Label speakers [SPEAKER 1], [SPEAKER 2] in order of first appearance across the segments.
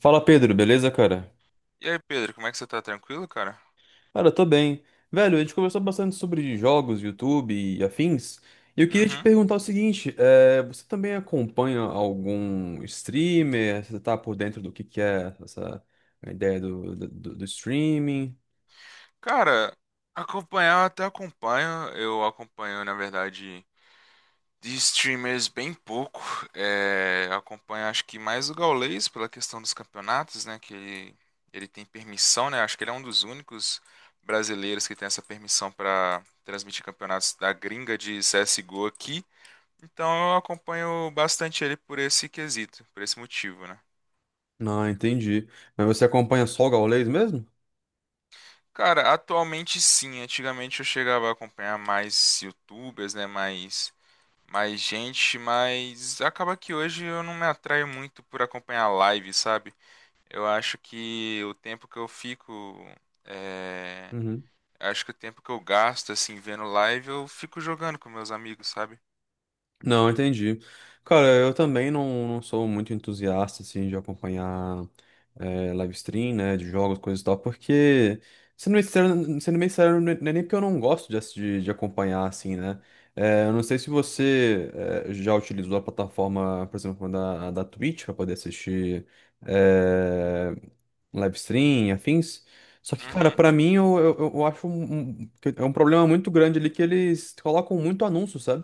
[SPEAKER 1] Fala Pedro, beleza, cara?
[SPEAKER 2] E aí, Pedro, como é que você tá? Tranquilo, cara?
[SPEAKER 1] Cara, eu tô bem. Velho, a gente conversou bastante sobre jogos, YouTube e afins. E eu queria te
[SPEAKER 2] Uhum.
[SPEAKER 1] perguntar o seguinte: você também acompanha algum streamer? Você tá por dentro do que é essa ideia do streaming?
[SPEAKER 2] Cara, acompanhar eu até acompanho. Eu acompanho, na verdade, de streamers bem pouco. Acompanho, acho que mais o Gaules pela questão dos campeonatos, né? Ele tem permissão, né? Acho que ele é um dos únicos brasileiros que tem essa permissão pra transmitir campeonatos da gringa de CSGO aqui. Então eu acompanho bastante ele por esse quesito, por esse motivo, né?
[SPEAKER 1] Não, entendi. Mas você acompanha só o Gaules mesmo?
[SPEAKER 2] Cara, atualmente sim. Antigamente eu chegava a acompanhar mais YouTubers, né? Mais gente, mas acaba que hoje eu não me atraio muito por acompanhar live, sabe? Eu acho que o tempo que eu fico. é,
[SPEAKER 1] Uhum.
[SPEAKER 2] Acho que o tempo que eu gasto, assim, vendo live, eu fico jogando com meus amigos, sabe?
[SPEAKER 1] Não, entendi. Cara, eu também não sou muito entusiasta, assim, de acompanhar live stream, né, de jogos, coisas e tal, porque, sendo bem sincero, não é nem porque eu não gosto de acompanhar, assim, né. Eu não sei se você já utilizou a plataforma, por exemplo, da Twitch para poder assistir é, live stream e afins, só que, cara,
[SPEAKER 2] Uhum.
[SPEAKER 1] pra mim, eu acho que é um problema muito grande ali, que eles colocam muito anúncio, sabe?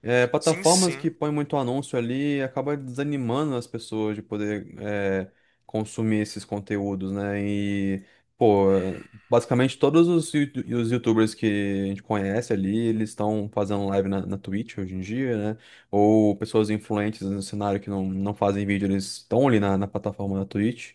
[SPEAKER 2] Sim,
[SPEAKER 1] Plataformas que
[SPEAKER 2] sim.
[SPEAKER 1] põem muito anúncio ali acaba desanimando as pessoas de poder consumir esses conteúdos, né? E, pô, basicamente todos os YouTubers que a gente conhece ali, eles estão fazendo live na Twitch hoje em dia, né? Ou pessoas influentes no cenário que não fazem vídeo, eles estão ali na plataforma da Twitch.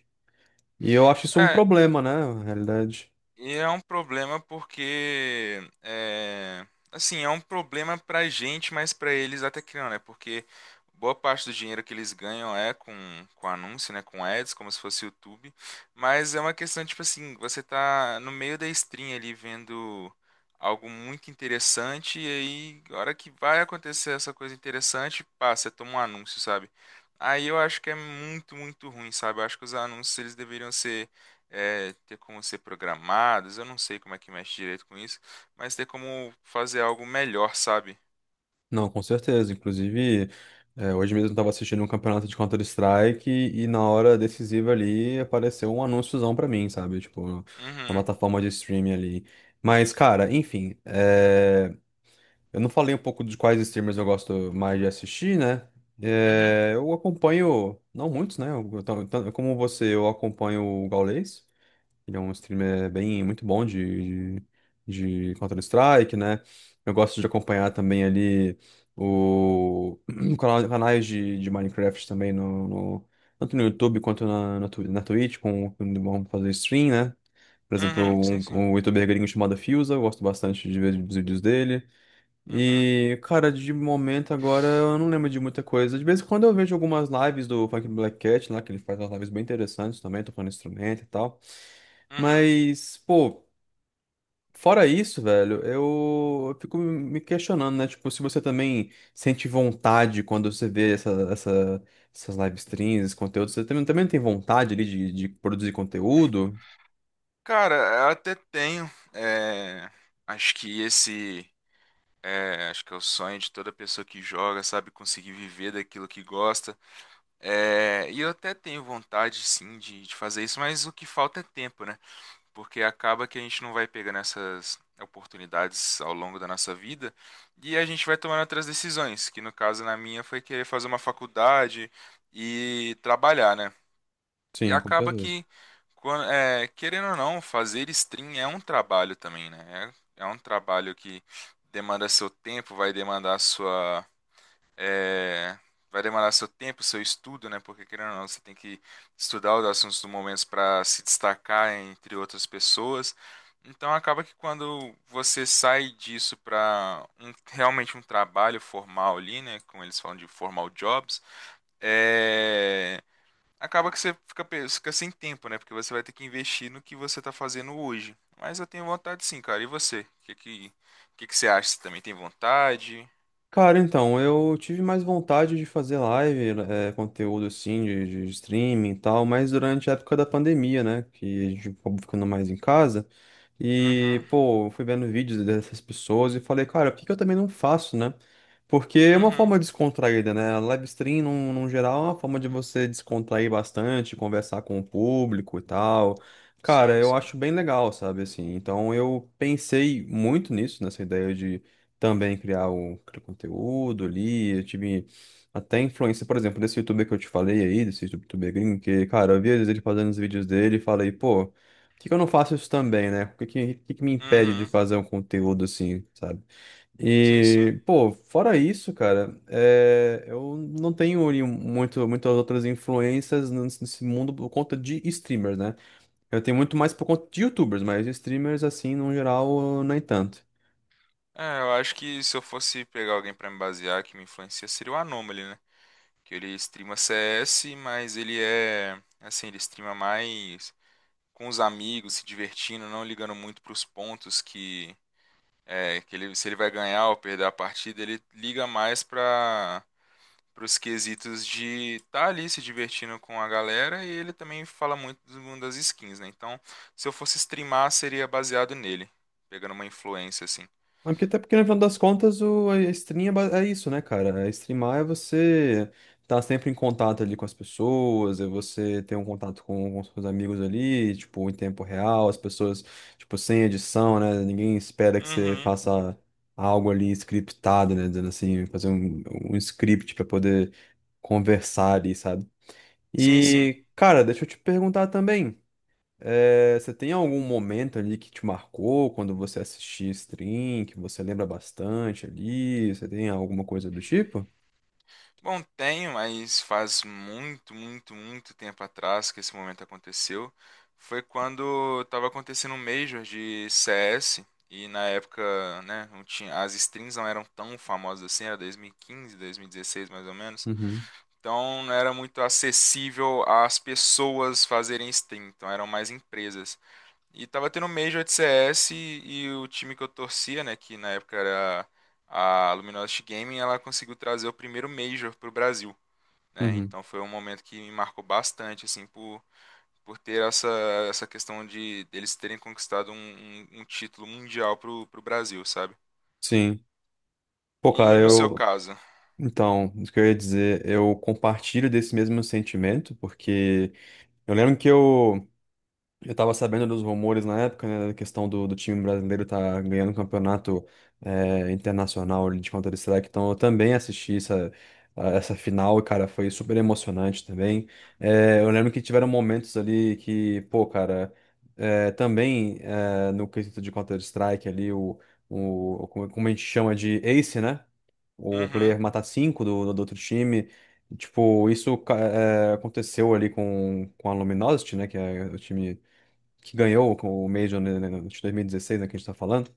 [SPEAKER 1] E eu acho isso um
[SPEAKER 2] É,
[SPEAKER 1] problema, né? Na realidade.
[SPEAKER 2] e é um problema porque, é, assim, é um problema pra gente, mas pra eles até que não, né? Porque boa parte do dinheiro que eles ganham é com anúncio, né? Com ads, como se fosse YouTube. Mas é uma questão, tipo assim, você tá no meio da stream ali vendo algo muito interessante e aí, a hora que vai acontecer essa coisa interessante, pá, você toma um anúncio, sabe? Aí eu acho que é muito, muito ruim, sabe? Eu acho que os anúncios, eles deveriam ter como ser programados, eu não sei como é que mexe direito com isso, mas ter como fazer algo melhor, sabe?
[SPEAKER 1] Não, com certeza. Inclusive, hoje mesmo eu estava assistindo um campeonato de Counter-Strike e na hora decisiva ali apareceu um anúnciozão pra mim, sabe? Tipo, na
[SPEAKER 2] Uhum,
[SPEAKER 1] plataforma de streaming ali. Mas, cara, enfim, eu não falei um pouco de quais streamers eu gosto mais de assistir, né?
[SPEAKER 2] uhum,
[SPEAKER 1] Eu acompanho, não muitos, né? Tanto como você, eu acompanho o Gaules. Ele é um streamer muito bom de Counter-Strike, né? Eu gosto de acompanhar também ali o canais de Minecraft também, tanto no YouTube quanto na Twitch, quando vão fazer stream, né? Por exemplo,
[SPEAKER 2] uhum, sim, sim.
[SPEAKER 1] um youtuber gringo chamado Fusa, eu gosto bastante de ver os vídeos dele.
[SPEAKER 2] Uhum,
[SPEAKER 1] E, cara, de momento agora eu não lembro de muita coisa. De vez em quando eu vejo algumas lives do Funk Black Cat lá, que ele faz umas lives bem interessantes também, tocando instrumento e tal.
[SPEAKER 2] uhum.
[SPEAKER 1] Mas, pô, fora isso, velho, eu fico me questionando, né? Tipo, se você também sente vontade quando você vê essas live streams, esse conteúdo, você também tem vontade ali de produzir conteúdo?
[SPEAKER 2] Cara, eu até tenho. É, acho que esse. Acho que é o sonho de toda pessoa que joga, sabe? Conseguir viver daquilo que gosta. É, e eu até tenho vontade, sim, de fazer isso, mas o que falta é tempo, né? Porque acaba que a gente não vai pegando essas oportunidades ao longo da nossa vida e a gente vai tomando outras decisões, que no caso na minha foi querer fazer uma faculdade e trabalhar, né? E
[SPEAKER 1] Sim, com
[SPEAKER 2] acaba
[SPEAKER 1] certeza.
[SPEAKER 2] que, querendo ou não, fazer stream é um trabalho também, né? É um trabalho que demanda seu tempo, vai demandar é, vai demorar seu tempo, seu estudo, né? Porque querendo ou não, você tem que estudar os assuntos do momento para se destacar entre outras pessoas. Então acaba que quando você sai disso para realmente um trabalho formal ali, né? Como eles falam de formal jobs, é, acaba que você fica sem tempo, né? Porque você vai ter que investir no que você está fazendo hoje. Mas eu tenho vontade sim, cara. E você? O que você acha? Você também tem vontade?
[SPEAKER 1] Cara, então, eu tive mais vontade de fazer live, conteúdo assim, de streaming e tal, mas durante a época da pandemia, né, que a gente acabou ficando mais em casa, e,
[SPEAKER 2] Uhum,
[SPEAKER 1] pô, eu fui vendo vídeos dessas pessoas e falei, cara, por que que eu também não faço, né? Porque é uma
[SPEAKER 2] uhum.
[SPEAKER 1] forma descontraída, né? A live stream, num geral, é uma forma de você descontrair bastante, conversar com o público e tal. Cara,
[SPEAKER 2] Sim,
[SPEAKER 1] eu
[SPEAKER 2] sim.
[SPEAKER 1] acho bem legal, sabe, assim. Então eu pensei muito nisso, nessa ideia também criar conteúdo ali. Eu tive até influência, por exemplo, desse youtuber que eu te falei aí, desse youtuber gringo, que, cara, eu vi às vezes ele fazendo os vídeos dele e falei, pô, por que que eu não faço isso também, né? O que que me impede de
[SPEAKER 2] Uhum.
[SPEAKER 1] fazer um conteúdo assim, sabe?
[SPEAKER 2] Sim, sim.
[SPEAKER 1] E, pô, fora isso, cara, eu não tenho ali muitas outras influências nesse mundo por conta de streamers, né? Eu tenho muito mais por conta de YouTubers, mas streamers, assim, no geral, nem tanto.
[SPEAKER 2] É, eu acho que se eu fosse pegar alguém pra me basear que me influencia, seria o Anomaly, né? Que ele streama CS, mas ele é, assim, ele streama mais com os amigos, se divertindo, não ligando muito pros pontos que ele se ele vai ganhar ou perder a partida, ele liga mais pra pros quesitos de estar ali se divertindo com a galera e ele também fala muito do mundo das skins, né? Então, se eu fosse streamar, seria baseado nele, pegando uma influência assim.
[SPEAKER 1] Ah, porque até porque, no final das contas, a stream é isso, né, cara? É, streamar é você estar sempre em contato ali com as pessoas, é você ter um contato com, os seus amigos ali, tipo, em tempo real, as pessoas, tipo, sem edição, né? Ninguém espera que você
[SPEAKER 2] Uhum.
[SPEAKER 1] faça algo ali scriptado, né? Dizendo assim, fazer um script para poder conversar ali, sabe?
[SPEAKER 2] Sim, sim.
[SPEAKER 1] E, cara, deixa eu te perguntar também. Você tem algum momento ali que te marcou quando você assistia stream, que você lembra bastante ali? Você tem alguma coisa do tipo?
[SPEAKER 2] Bom, tenho, mas faz muito tempo atrás que esse momento aconteceu. Foi quando estava acontecendo um Major de CS e na época, né, não tinha, as streams não eram tão famosas assim, era 2015, 2016 mais ou menos.
[SPEAKER 1] Uhum,
[SPEAKER 2] Então não era muito acessível às pessoas fazerem stream, então eram mais empresas. E tava tendo Major de CS e o time que eu torcia, né, que na época era a Luminosity Gaming, ela conseguiu trazer o primeiro Major pro Brasil, né?
[SPEAKER 1] uhum.
[SPEAKER 2] Então foi um momento que me marcou bastante, assim, por ter essa questão de eles terem conquistado um título mundial pro Brasil, sabe?
[SPEAKER 1] Sim. Pô,
[SPEAKER 2] E
[SPEAKER 1] cara,
[SPEAKER 2] no seu
[SPEAKER 1] eu.
[SPEAKER 2] caso?
[SPEAKER 1] Então, isso que eu ia dizer, eu compartilho desse mesmo sentimento, porque eu lembro que eu. Eu tava sabendo dos rumores na época, né, da questão do time brasileiro tá ganhando um campeonato internacional de Counter-Strike, então eu também assisti essa final, e, cara, foi super emocionante também. Eu lembro que tiveram momentos ali que, pô, cara, no quesito de Counter-Strike ali, o, como como a gente chama de Ace, né? O player
[SPEAKER 2] Uhum,
[SPEAKER 1] matar cinco do outro time. Tipo, isso aconteceu ali com a Luminosity, né? Que é o time que ganhou o Major né, de 2016, né, que a gente tá falando.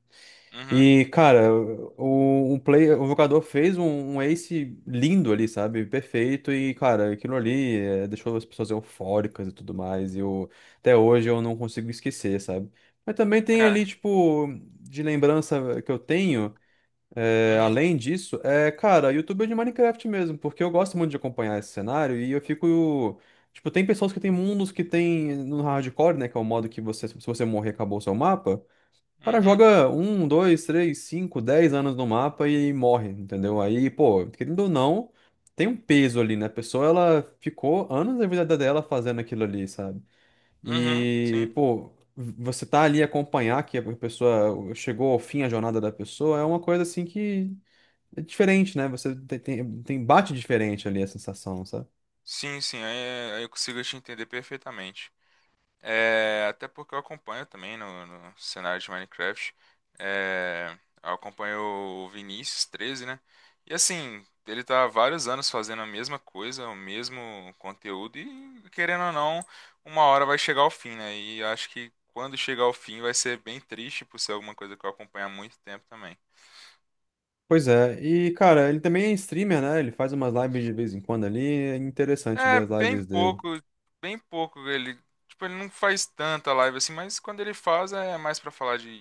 [SPEAKER 2] uhum,
[SPEAKER 1] E, cara, o jogador fez um ace lindo ali, sabe? Perfeito. E, cara, aquilo ali deixou as pessoas eufóricas e tudo mais. E eu, até hoje eu não consigo esquecer, sabe? Mas também tem
[SPEAKER 2] é,
[SPEAKER 1] ali, tipo, de lembrança que eu tenho. É,
[SPEAKER 2] uhum,
[SPEAKER 1] além disso, cara, YouTube é de Minecraft mesmo, porque eu gosto muito de acompanhar esse cenário e eu fico. Tipo, tem pessoas que tem mundos que tem no hardcore, né? Que é o modo que, você, se você morrer, acabou o seu mapa. O cara
[SPEAKER 2] uhum,
[SPEAKER 1] joga um, dois, três, cinco, dez anos no mapa e morre, entendeu? Aí, pô, querendo ou não, tem um peso ali, né? A pessoa, ela ficou anos da vida dela fazendo aquilo ali, sabe?
[SPEAKER 2] uhum,
[SPEAKER 1] E,
[SPEAKER 2] sim.
[SPEAKER 1] pô, você tá ali acompanhar que a pessoa chegou ao fim, a jornada da pessoa, é uma coisa assim que. É diferente, né? Você bate diferente ali a sensação, sabe?
[SPEAKER 2] Sim, sim, aí eu consigo te entender perfeitamente. É, até porque eu acompanho também no cenário de Minecraft. É, eu acompanho o Vinícius 13, né? E assim, ele tá há vários anos fazendo a mesma coisa, o mesmo conteúdo, e querendo ou não, uma hora vai chegar ao fim, né? E acho que quando chegar ao fim vai ser bem triste por ser alguma coisa que eu acompanho há muito tempo também.
[SPEAKER 1] Pois é, e cara, ele também é streamer, né? Ele faz umas lives de vez em quando ali, é interessante
[SPEAKER 2] É
[SPEAKER 1] ver as
[SPEAKER 2] bem
[SPEAKER 1] lives dele.
[SPEAKER 2] pouco, bem pouco ele, tipo, ele não faz tanta live assim, mas quando ele faz é mais pra falar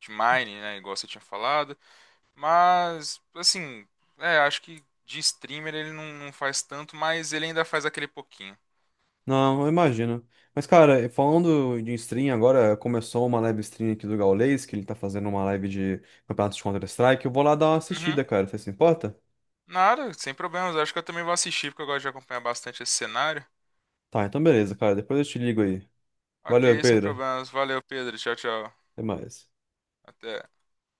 [SPEAKER 2] de Mine, né, igual você tinha falado. Mas assim, é, acho que de streamer ele não, não faz tanto, mas ele ainda faz aquele pouquinho.
[SPEAKER 1] Não, eu imagino. Mas cara, falando de stream, agora começou uma live stream aqui do Gaules, que ele tá fazendo uma live de campeonato de Counter-Strike. Eu vou lá dar uma
[SPEAKER 2] Uhum.
[SPEAKER 1] assistida, cara, você se importa?
[SPEAKER 2] Nada, sem problemas. Acho que eu também vou assistir porque eu gosto de acompanhar bastante esse cenário.
[SPEAKER 1] Tá, então beleza, cara, depois eu te ligo aí.
[SPEAKER 2] Ok,
[SPEAKER 1] Valeu,
[SPEAKER 2] sem
[SPEAKER 1] Pedro,
[SPEAKER 2] problemas. Valeu, Pedro. Tchau, tchau.
[SPEAKER 1] até mais.
[SPEAKER 2] Até.